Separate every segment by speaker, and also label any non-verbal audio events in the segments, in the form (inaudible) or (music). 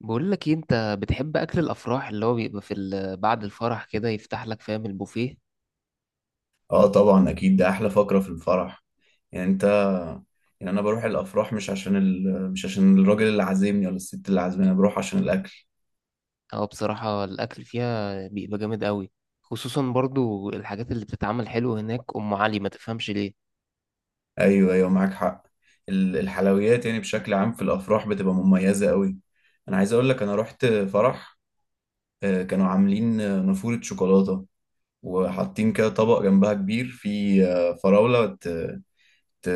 Speaker 1: بقول لك إيه، انت بتحب اكل الافراح اللي هو بيبقى بعد الفرح كده يفتح لك فاهم البوفيه؟
Speaker 2: اه، طبعا اكيد ده احلى فقرة في الفرح. يعني انت، يعني انا بروح الافراح مش عشان مش عشان الراجل اللي عازمني ولا الست اللي عازماني، انا بروح عشان الاكل.
Speaker 1: اه، بصراحة الاكل فيها بيبقى جامد قوي، خصوصا برضو الحاجات اللي بتتعمل حلو هناك، ام علي ما تفهمش ليه.
Speaker 2: ايوه معاك حق. الحلويات يعني بشكل عام في الافراح بتبقى مميزة قوي. انا عايز اقول لك انا رحت فرح، كانوا عاملين نافورة شوكولاتة، وحاطين كده طبق جنبها كبير فيه فراولة. ت-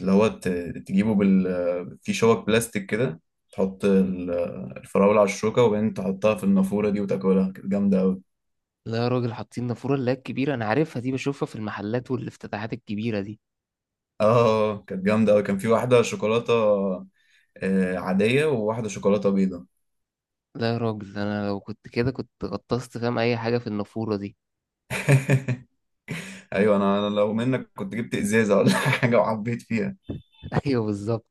Speaker 2: اللي هو ت- تجيبه في شوك بلاستيك كده، تحط الفراولة على الشوكة وبعدين تحطها في النافورة دي وتاكلها. كانت جامدة أوي.
Speaker 1: لا يا راجل، حاطين نافورة اللي هي الكبيرة، انا عارفها دي، بشوفها في المحلات والافتتاحات الكبيرة دي.
Speaker 2: اه كانت جامدة أوي، كان في واحدة شوكولاتة عادية وواحدة شوكولاتة بيضة.
Speaker 1: لا يا راجل، انا لو كنت كده كنت غطست فاهم اي حاجة في النافورة دي.
Speaker 2: (laughs) ايوه أنا لو منك كنت جبت ازازه ولا (laughs) حاجه وعبيت فيها.
Speaker 1: (laughs) ايوه، بالظبط.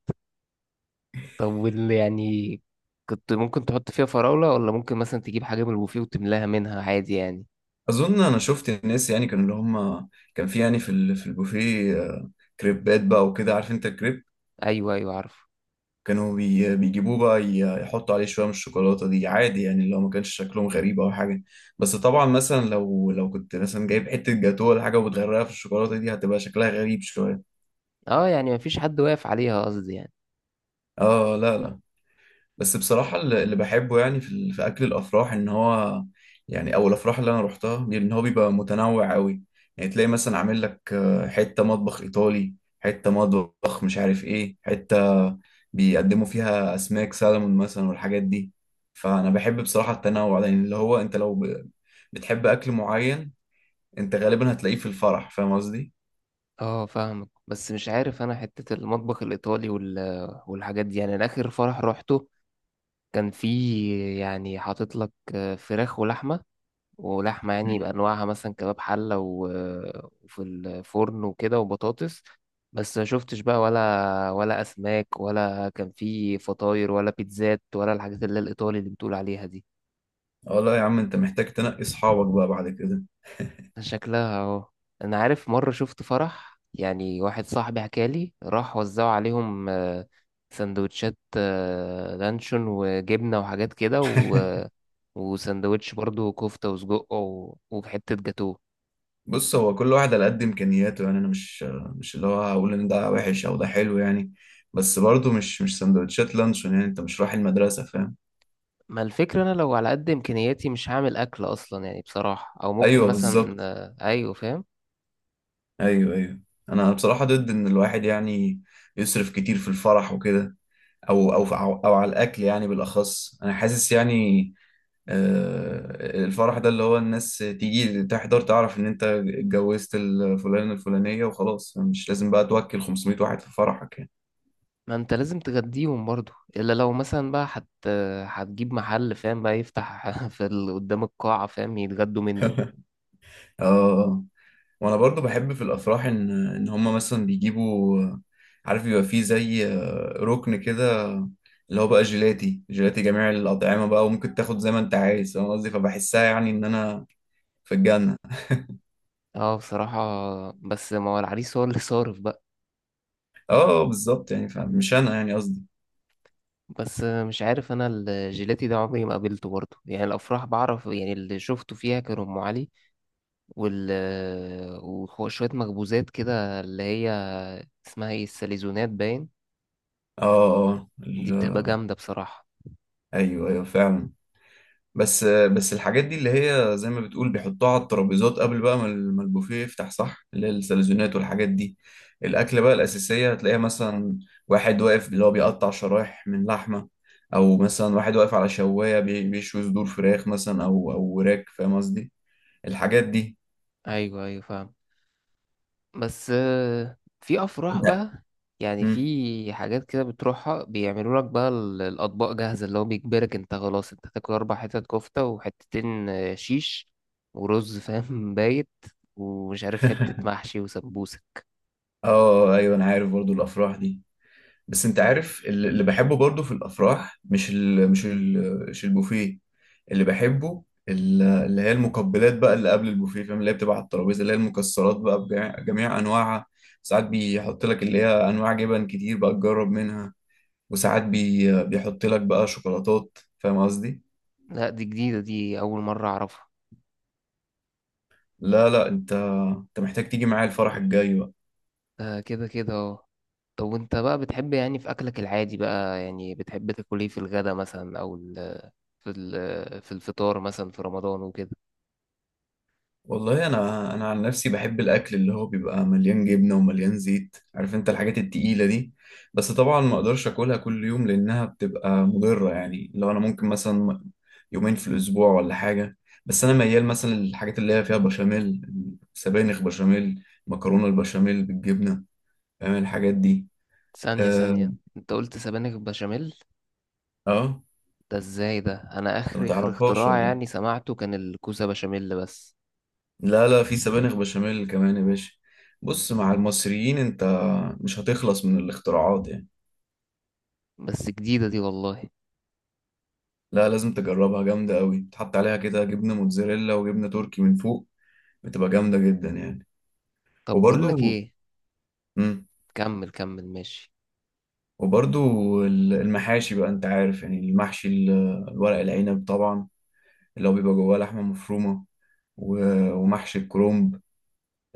Speaker 1: طب وال يعني كنت ممكن تحط فيها فراولة، ولا ممكن مثلا تجيب حاجة من البوفيه وتملاها منها عادي يعني.
Speaker 2: اظن انا شفت الناس، يعني كانوا اللي هم كان في، يعني في في البوفيه كريبات بقى وكده، عارف انت الكريب.
Speaker 1: ايوه ايوه، عارف.
Speaker 2: كانوا بيجيبوه بقى، يحطوا عليه شوية من الشوكولاتة دي عادي يعني، اللي هو ما كانش شكلهم غريب أو حاجة. بس طبعا مثلا لو كنت مثلا جايب حتة جاتوه ولا حاجة وبتغرقها في الشوكولاتة دي هتبقى شكلها غريب شوية.
Speaker 1: اه، يعني مفيش حد واقف عليها قصدي يعني.
Speaker 2: اه لا لا. بس بصراحة اللي بحبه يعني في في أكل الأفراح إن هو، يعني أو الأفراح اللي أنا روحتها إن هو بيبقى متنوع أوي. يعني تلاقي مثلا عامل لك حتة مطبخ إيطالي، حتة مطبخ مش عارف إيه، حتة بيقدموا فيها أسماك سالمون مثلا والحاجات دي. فأنا بحب بصراحة التنوع ده، يعني اللي هو أنت لو بتحب أكل معين أنت غالبا هتلاقيه في الفرح، فاهم قصدي؟
Speaker 1: اه، فاهمك، بس مش عارف انا حتة المطبخ الايطالي والحاجات دي، يعني انا اخر فرح روحته كان فيه يعني حاطط لك فراخ ولحمة، ولحمة
Speaker 2: مم.
Speaker 1: يعني بأنواعها، مثلا كباب حلة وفي الفرن وكده وبطاطس، بس ما شفتش بقى ولا أسماك، ولا كان فيه فطاير ولا بيتزات ولا الحاجات اللي هي الإيطالي اللي بتقول عليها دي.
Speaker 2: اه لا يا عم أنت محتاج تنقي أصحابك بقى بعد كده.
Speaker 1: شكلها اهو. انا عارف مره شفت فرح، يعني واحد صاحبي حكالي راح وزعوا عليهم سندوتشات لانشون وجبنه وحاجات كده
Speaker 2: (laughs)
Speaker 1: وسندوتش برضو كفته وسجق وحته جاتوه.
Speaker 2: بص، هو كل واحد على قد امكانياته يعني. انا مش، مش اللي هو هقول ان ده وحش او ده حلو يعني، بس برضه مش، مش سندوتشات لانشون. يعني انت مش رايح المدرسه، فاهم؟
Speaker 1: ما الفكره، انا لو على قد امكانياتي مش هعمل اكل اصلا يعني بصراحه، او ممكن
Speaker 2: ايوه
Speaker 1: مثلا
Speaker 2: بالظبط.
Speaker 1: ايوه، فاهم.
Speaker 2: ايوه. انا بصراحه ضد ان الواحد يعني يصرف كتير في الفرح وكده، او او على الاكل يعني. بالاخص انا حاسس يعني الفرح ده اللي هو الناس تيجي تحضر تعرف ان انت اتجوزت الفلانه الفلانيه وخلاص، مش لازم بقى توكل 500 واحد في فرحك يعني.
Speaker 1: ما انت لازم تغديهم برضو، الا لو مثلا بقى هتجيب محل فاهم بقى يفتح (laughs) قدام القاعه فاهم يتغدوا منه.
Speaker 2: (laughs) اه. وانا برضو بحب في الافراح ان، ان هم مثلا بيجيبوا، عارف بيبقى فيه زي ركن كده اللي هو بقى جيلاتي جميع الاطعمه بقى، وممكن تاخد زي ما انت عايز، فاهم قصدي؟ فبحسها يعني ان انا في الجنه.
Speaker 1: اه بصراحة، بس ما هو العريس هو اللي صارف بقى.
Speaker 2: اه بالظبط يعني، فمش انا يعني قصدي.
Speaker 1: بس مش عارف انا الجيلاتي ده عمري ما قابلته برضه، يعني الافراح بعرف، يعني اللي شفته فيها كان ام علي وال وشوية مخبوزات كده، اللي هي اسمها ايه، الساليزونات باين.
Speaker 2: اه اه
Speaker 1: دي بتبقى
Speaker 2: ال-
Speaker 1: جامدة بصراحة.
Speaker 2: ايوه فعلا. بس الحاجات دي اللي هي زي ما بتقول بيحطوها على الترابيزات قبل بقى ما ما البوفيه يفتح، صح؟ اللي هي السلزونات والحاجات دي. الأكلة بقى الأساسية هتلاقيها مثلا واحد واقف اللي هو بيقطع شرايح من لحمة، أو مثلا واحد واقف على شواية بيشوي صدور فراخ مثلا، أو أو وراك، فاهم قصدي؟ الحاجات دي.
Speaker 1: ايوه ايوه، فاهم، بس في افراح
Speaker 2: لا.
Speaker 1: بقى يعني،
Speaker 2: مم.
Speaker 1: في حاجات كده بتروحها بيعملوا لك بقى الاطباق جاهزه، اللي هو بيجبرك انت خلاص انت تاكل 4 حتت كفته وحتتين شيش ورز فاهم، (laughs) بايت، ومش عارف حته
Speaker 2: (laughs)
Speaker 1: محشي وسمبوسه.
Speaker 2: اه ايوه انا عارف برضو الافراح دي. بس انت عارف اللي بحبه برضو في الافراح مش ال، مش ال، مش البوفيه. اللي بحبه اللي هي المقبلات بقى اللي قبل البوفيه، فاهم؟ اللي هي بتبقى على الترابيزه، اللي هي المكسرات بقى بجميع، جميع انواعها. ساعات بيحط لك اللي هي انواع جبن كتير بقى تجرب منها، وساعات بيحط لك بقى شوكولاتات، فاهم قصدي؟
Speaker 1: لا دي جديده، دي اول مره اعرفها.
Speaker 2: لا لا، انت محتاج تيجي معايا الفرح الجاي بقى.
Speaker 1: ده كده كده، اه. طب وانت بقى بتحب يعني في اكلك العادي بقى، يعني بتحب تاكل ايه في الغدا مثلا، في الفطار مثلا في رمضان وكده؟
Speaker 2: والله انا، انا عن نفسي بحب الاكل اللي هو بيبقى مليان جبنه ومليان زيت، عارف انت الحاجات التقيله دي. بس طبعا ما اقدرش اكلها كل يوم لانها بتبقى مضره، يعني لو انا ممكن مثلا يومين في الاسبوع ولا حاجه. بس انا ميال مثلا للحاجات اللي هي فيها بشاميل، سبانخ بشاميل، مكرونه البشاميل بالجبنه، فاهم الحاجات دي؟
Speaker 1: ثانيه
Speaker 2: اه
Speaker 1: ثانيه، انت قلت سبانخ بشاميل؟
Speaker 2: اه.
Speaker 1: ده ازاي، ده انا
Speaker 2: انت ما
Speaker 1: اخر اخر
Speaker 2: تعرفهاش
Speaker 1: اختراع
Speaker 2: ولا
Speaker 1: يعني
Speaker 2: إيه؟
Speaker 1: سمعته كان الكوسة بشاميل بس.
Speaker 2: لا لا، في سبانخ بشاميل كمان يا باشا. بص، مع المصريين انت مش هتخلص من الاختراعات يعني.
Speaker 1: بس جديدة دي والله.
Speaker 2: لا لازم تجربها، جامدة قوي، تحط عليها كده جبنة موتزاريلا وجبنة تركي من فوق، بتبقى جامدة جدا يعني.
Speaker 1: طب بقول لك
Speaker 2: وبرضو،
Speaker 1: ايه،
Speaker 2: مم،
Speaker 1: كمل كمل ماشي.
Speaker 2: وبرضو المحاشي بقى، انت عارف يعني المحشي الورق العنب طبعا، اللي هو بيبقى جواه لحمة مفرومة، ومحشي الكرنب،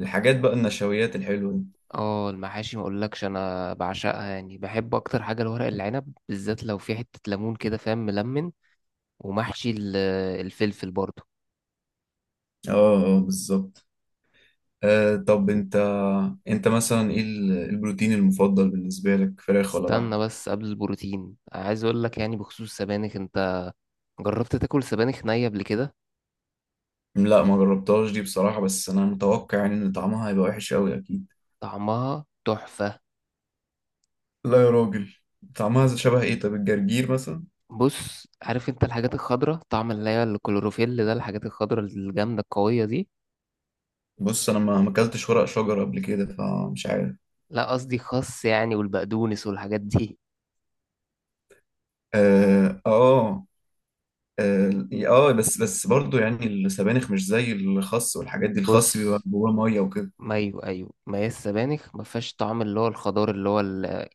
Speaker 2: الحاجات بقى النشويات الحلوة دي.
Speaker 1: اه المحاشي، ما اقولكش انا بعشقها، يعني بحب اكتر حاجة الورق العنب، بالذات لو في حتة ليمون كده فاهم، ملمن، ومحشي الفلفل برضه.
Speaker 2: اه اه بالظبط. آه طب انت، انت مثلا ايه البروتين المفضل بالنسبة لك، فراخ ولا لحم؟
Speaker 1: استنى بس قبل البروتين، عايز اقول لك يعني بخصوص السبانخ، انت جربت تاكل سبانخ نية قبل كده؟
Speaker 2: لا ما جربتهاش دي بصراحة، بس انا متوقع يعني ان طعمها هيبقى وحش قوي اكيد.
Speaker 1: طعمها تحفة.
Speaker 2: لا يا راجل، طعمها شبه ايه؟ طب الجرجير مثلا.
Speaker 1: بص، عارف انت الحاجات الخضراء، طعم اللي هي الكلوروفيل ده، الحاجات الخضراء الجامدة القوية دي.
Speaker 2: بص انا ما اكلتش ورق شجر قبل كده، فمش عارف.
Speaker 1: لا، قصدي خس يعني، والبقدونس والحاجات دي.
Speaker 2: اه اه اه، بس برضو يعني السبانخ مش زي الخس والحاجات دي،
Speaker 1: (laughs)
Speaker 2: الخس
Speaker 1: بص،
Speaker 2: بيبقى جواه ميه وكده.
Speaker 1: ما ايوه ايوه، ما هي السبانخ ما فيهاش طعم اللي هو الخضار اللي هو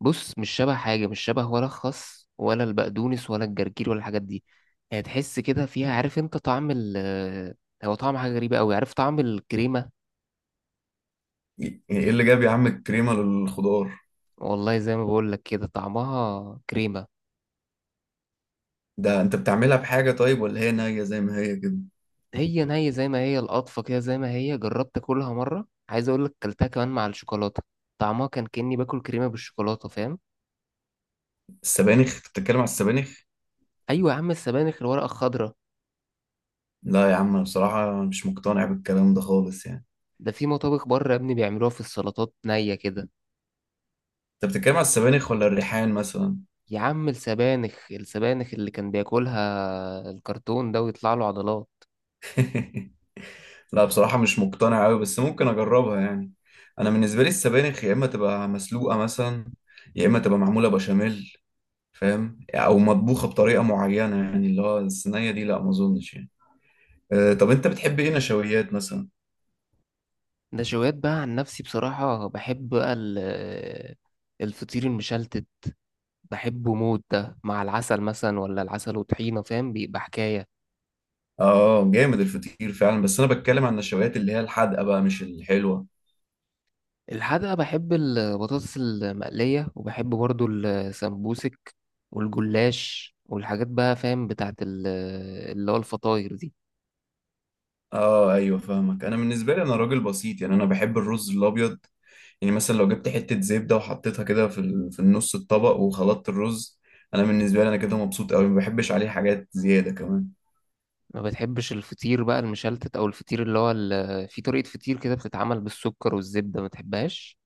Speaker 1: بص، مش شبه حاجة، مش شبه ولا الخس ولا البقدونس ولا الجرجير ولا الحاجات دي. يعني تحس كده فيها، عارف انت طعم هو طعم حاجة غريبة قوي، عارف طعم الكريمة.
Speaker 2: يعني ايه اللي جاب يا عم الكريمه للخضار؟
Speaker 1: والله زي ما بقول لك كده، طعمها كريمة.
Speaker 2: ده انت بتعملها بحاجه طيب ولا هي نيه زي ما هي كده؟
Speaker 1: هي نية زي ما هي، القطفة كده زي ما هي، جربت أكلها مرة، عايز أقول لك كلتها كمان مع الشوكولاتة، طعمها كان كأني باكل كريمة بالشوكولاتة فاهم.
Speaker 2: السبانخ، أنت بتتكلم على السبانخ؟
Speaker 1: أيوة يا عم، السبانخ الورقة الخضراء.
Speaker 2: لا يا عم أنا بصراحه مش مقتنع بالكلام ده خالص يعني.
Speaker 1: ده في مطابخ بره يا ابني بيعملوها في السلطات نية كده.
Speaker 2: انت بتتكلم على السبانخ ولا الريحان مثلا؟
Speaker 1: يا عم، السبانخ السبانخ اللي كان بياكلها الكرتون ده ويطلع له عضلات.
Speaker 2: (laughs) لا بصراحة مش مقتنع أوي، بس ممكن أجربها يعني. أنا بالنسبة لي السبانخ يا إما تبقى مسلوقة مثلا، يا إما تبقى معمولة بشاميل، فاهم؟ أو مطبوخة بطريقة معينة يعني، اللي هو الصينية دي لا ما أظنش يعني. أه طب أنت بتحب إيه نشويات مثلا؟
Speaker 1: نشويات بقى عن نفسي بصراحة بحب بقى الفطير المشلتت. بحبه موت، ده مع العسل مثلا ولا العسل وطحينة فاهم، بيبقى حكاية.
Speaker 2: آه جامد الفطير فعلا، بس أنا بتكلم عن النشويات اللي هي الحادقة بقى مش الحلوة.
Speaker 1: الحقيقة بحب البطاطس المقلية، وبحب برضو السمبوسك والجلاش والحاجات بقى فاهم بتاعت اللي هو الفطاير دي.
Speaker 2: آه أيوه فاهمك. أنا بالنسبة لي أنا راجل بسيط يعني، أنا بحب الرز الأبيض. يعني مثلا لو جبت حتة زبدة وحطيتها كده في في النص الطبق وخلطت الرز، أنا بالنسبة لي أنا كده مبسوط أوي، ما بحبش عليه حاجات زيادة كمان.
Speaker 1: ما بتحبش الفطير بقى المشلتت، أو الفطير اللي هو في طريقة فطير كده بتتعمل بالسكر والزبدة، ما تحبهاش؟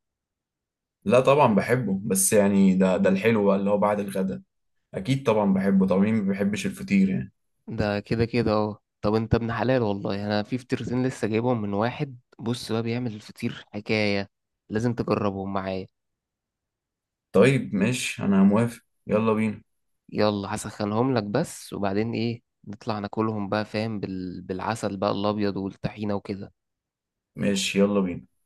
Speaker 2: لا طبعا بحبه، بس يعني ده الحلو بقى اللي هو بعد الغدا، أكيد طبعا بحبه طبعا، مين ما بيحبش الفطير يعني.
Speaker 1: ده كده كده، اه. طب انت ابن حلال والله، يعني انا في فطيرتين لسه جايبهم من واحد، بص بقى بيعمل الفطير حكاية، لازم تجربهم معايا.
Speaker 2: طيب ماشي أنا موافق، يلا بينا.
Speaker 1: يلا هسخنهم لك بس وبعدين ايه، نطلع ناكلهم بقى فاهم بالعسل بقى الابيض والطحينه وكده.
Speaker 2: ماشي يلا بينا.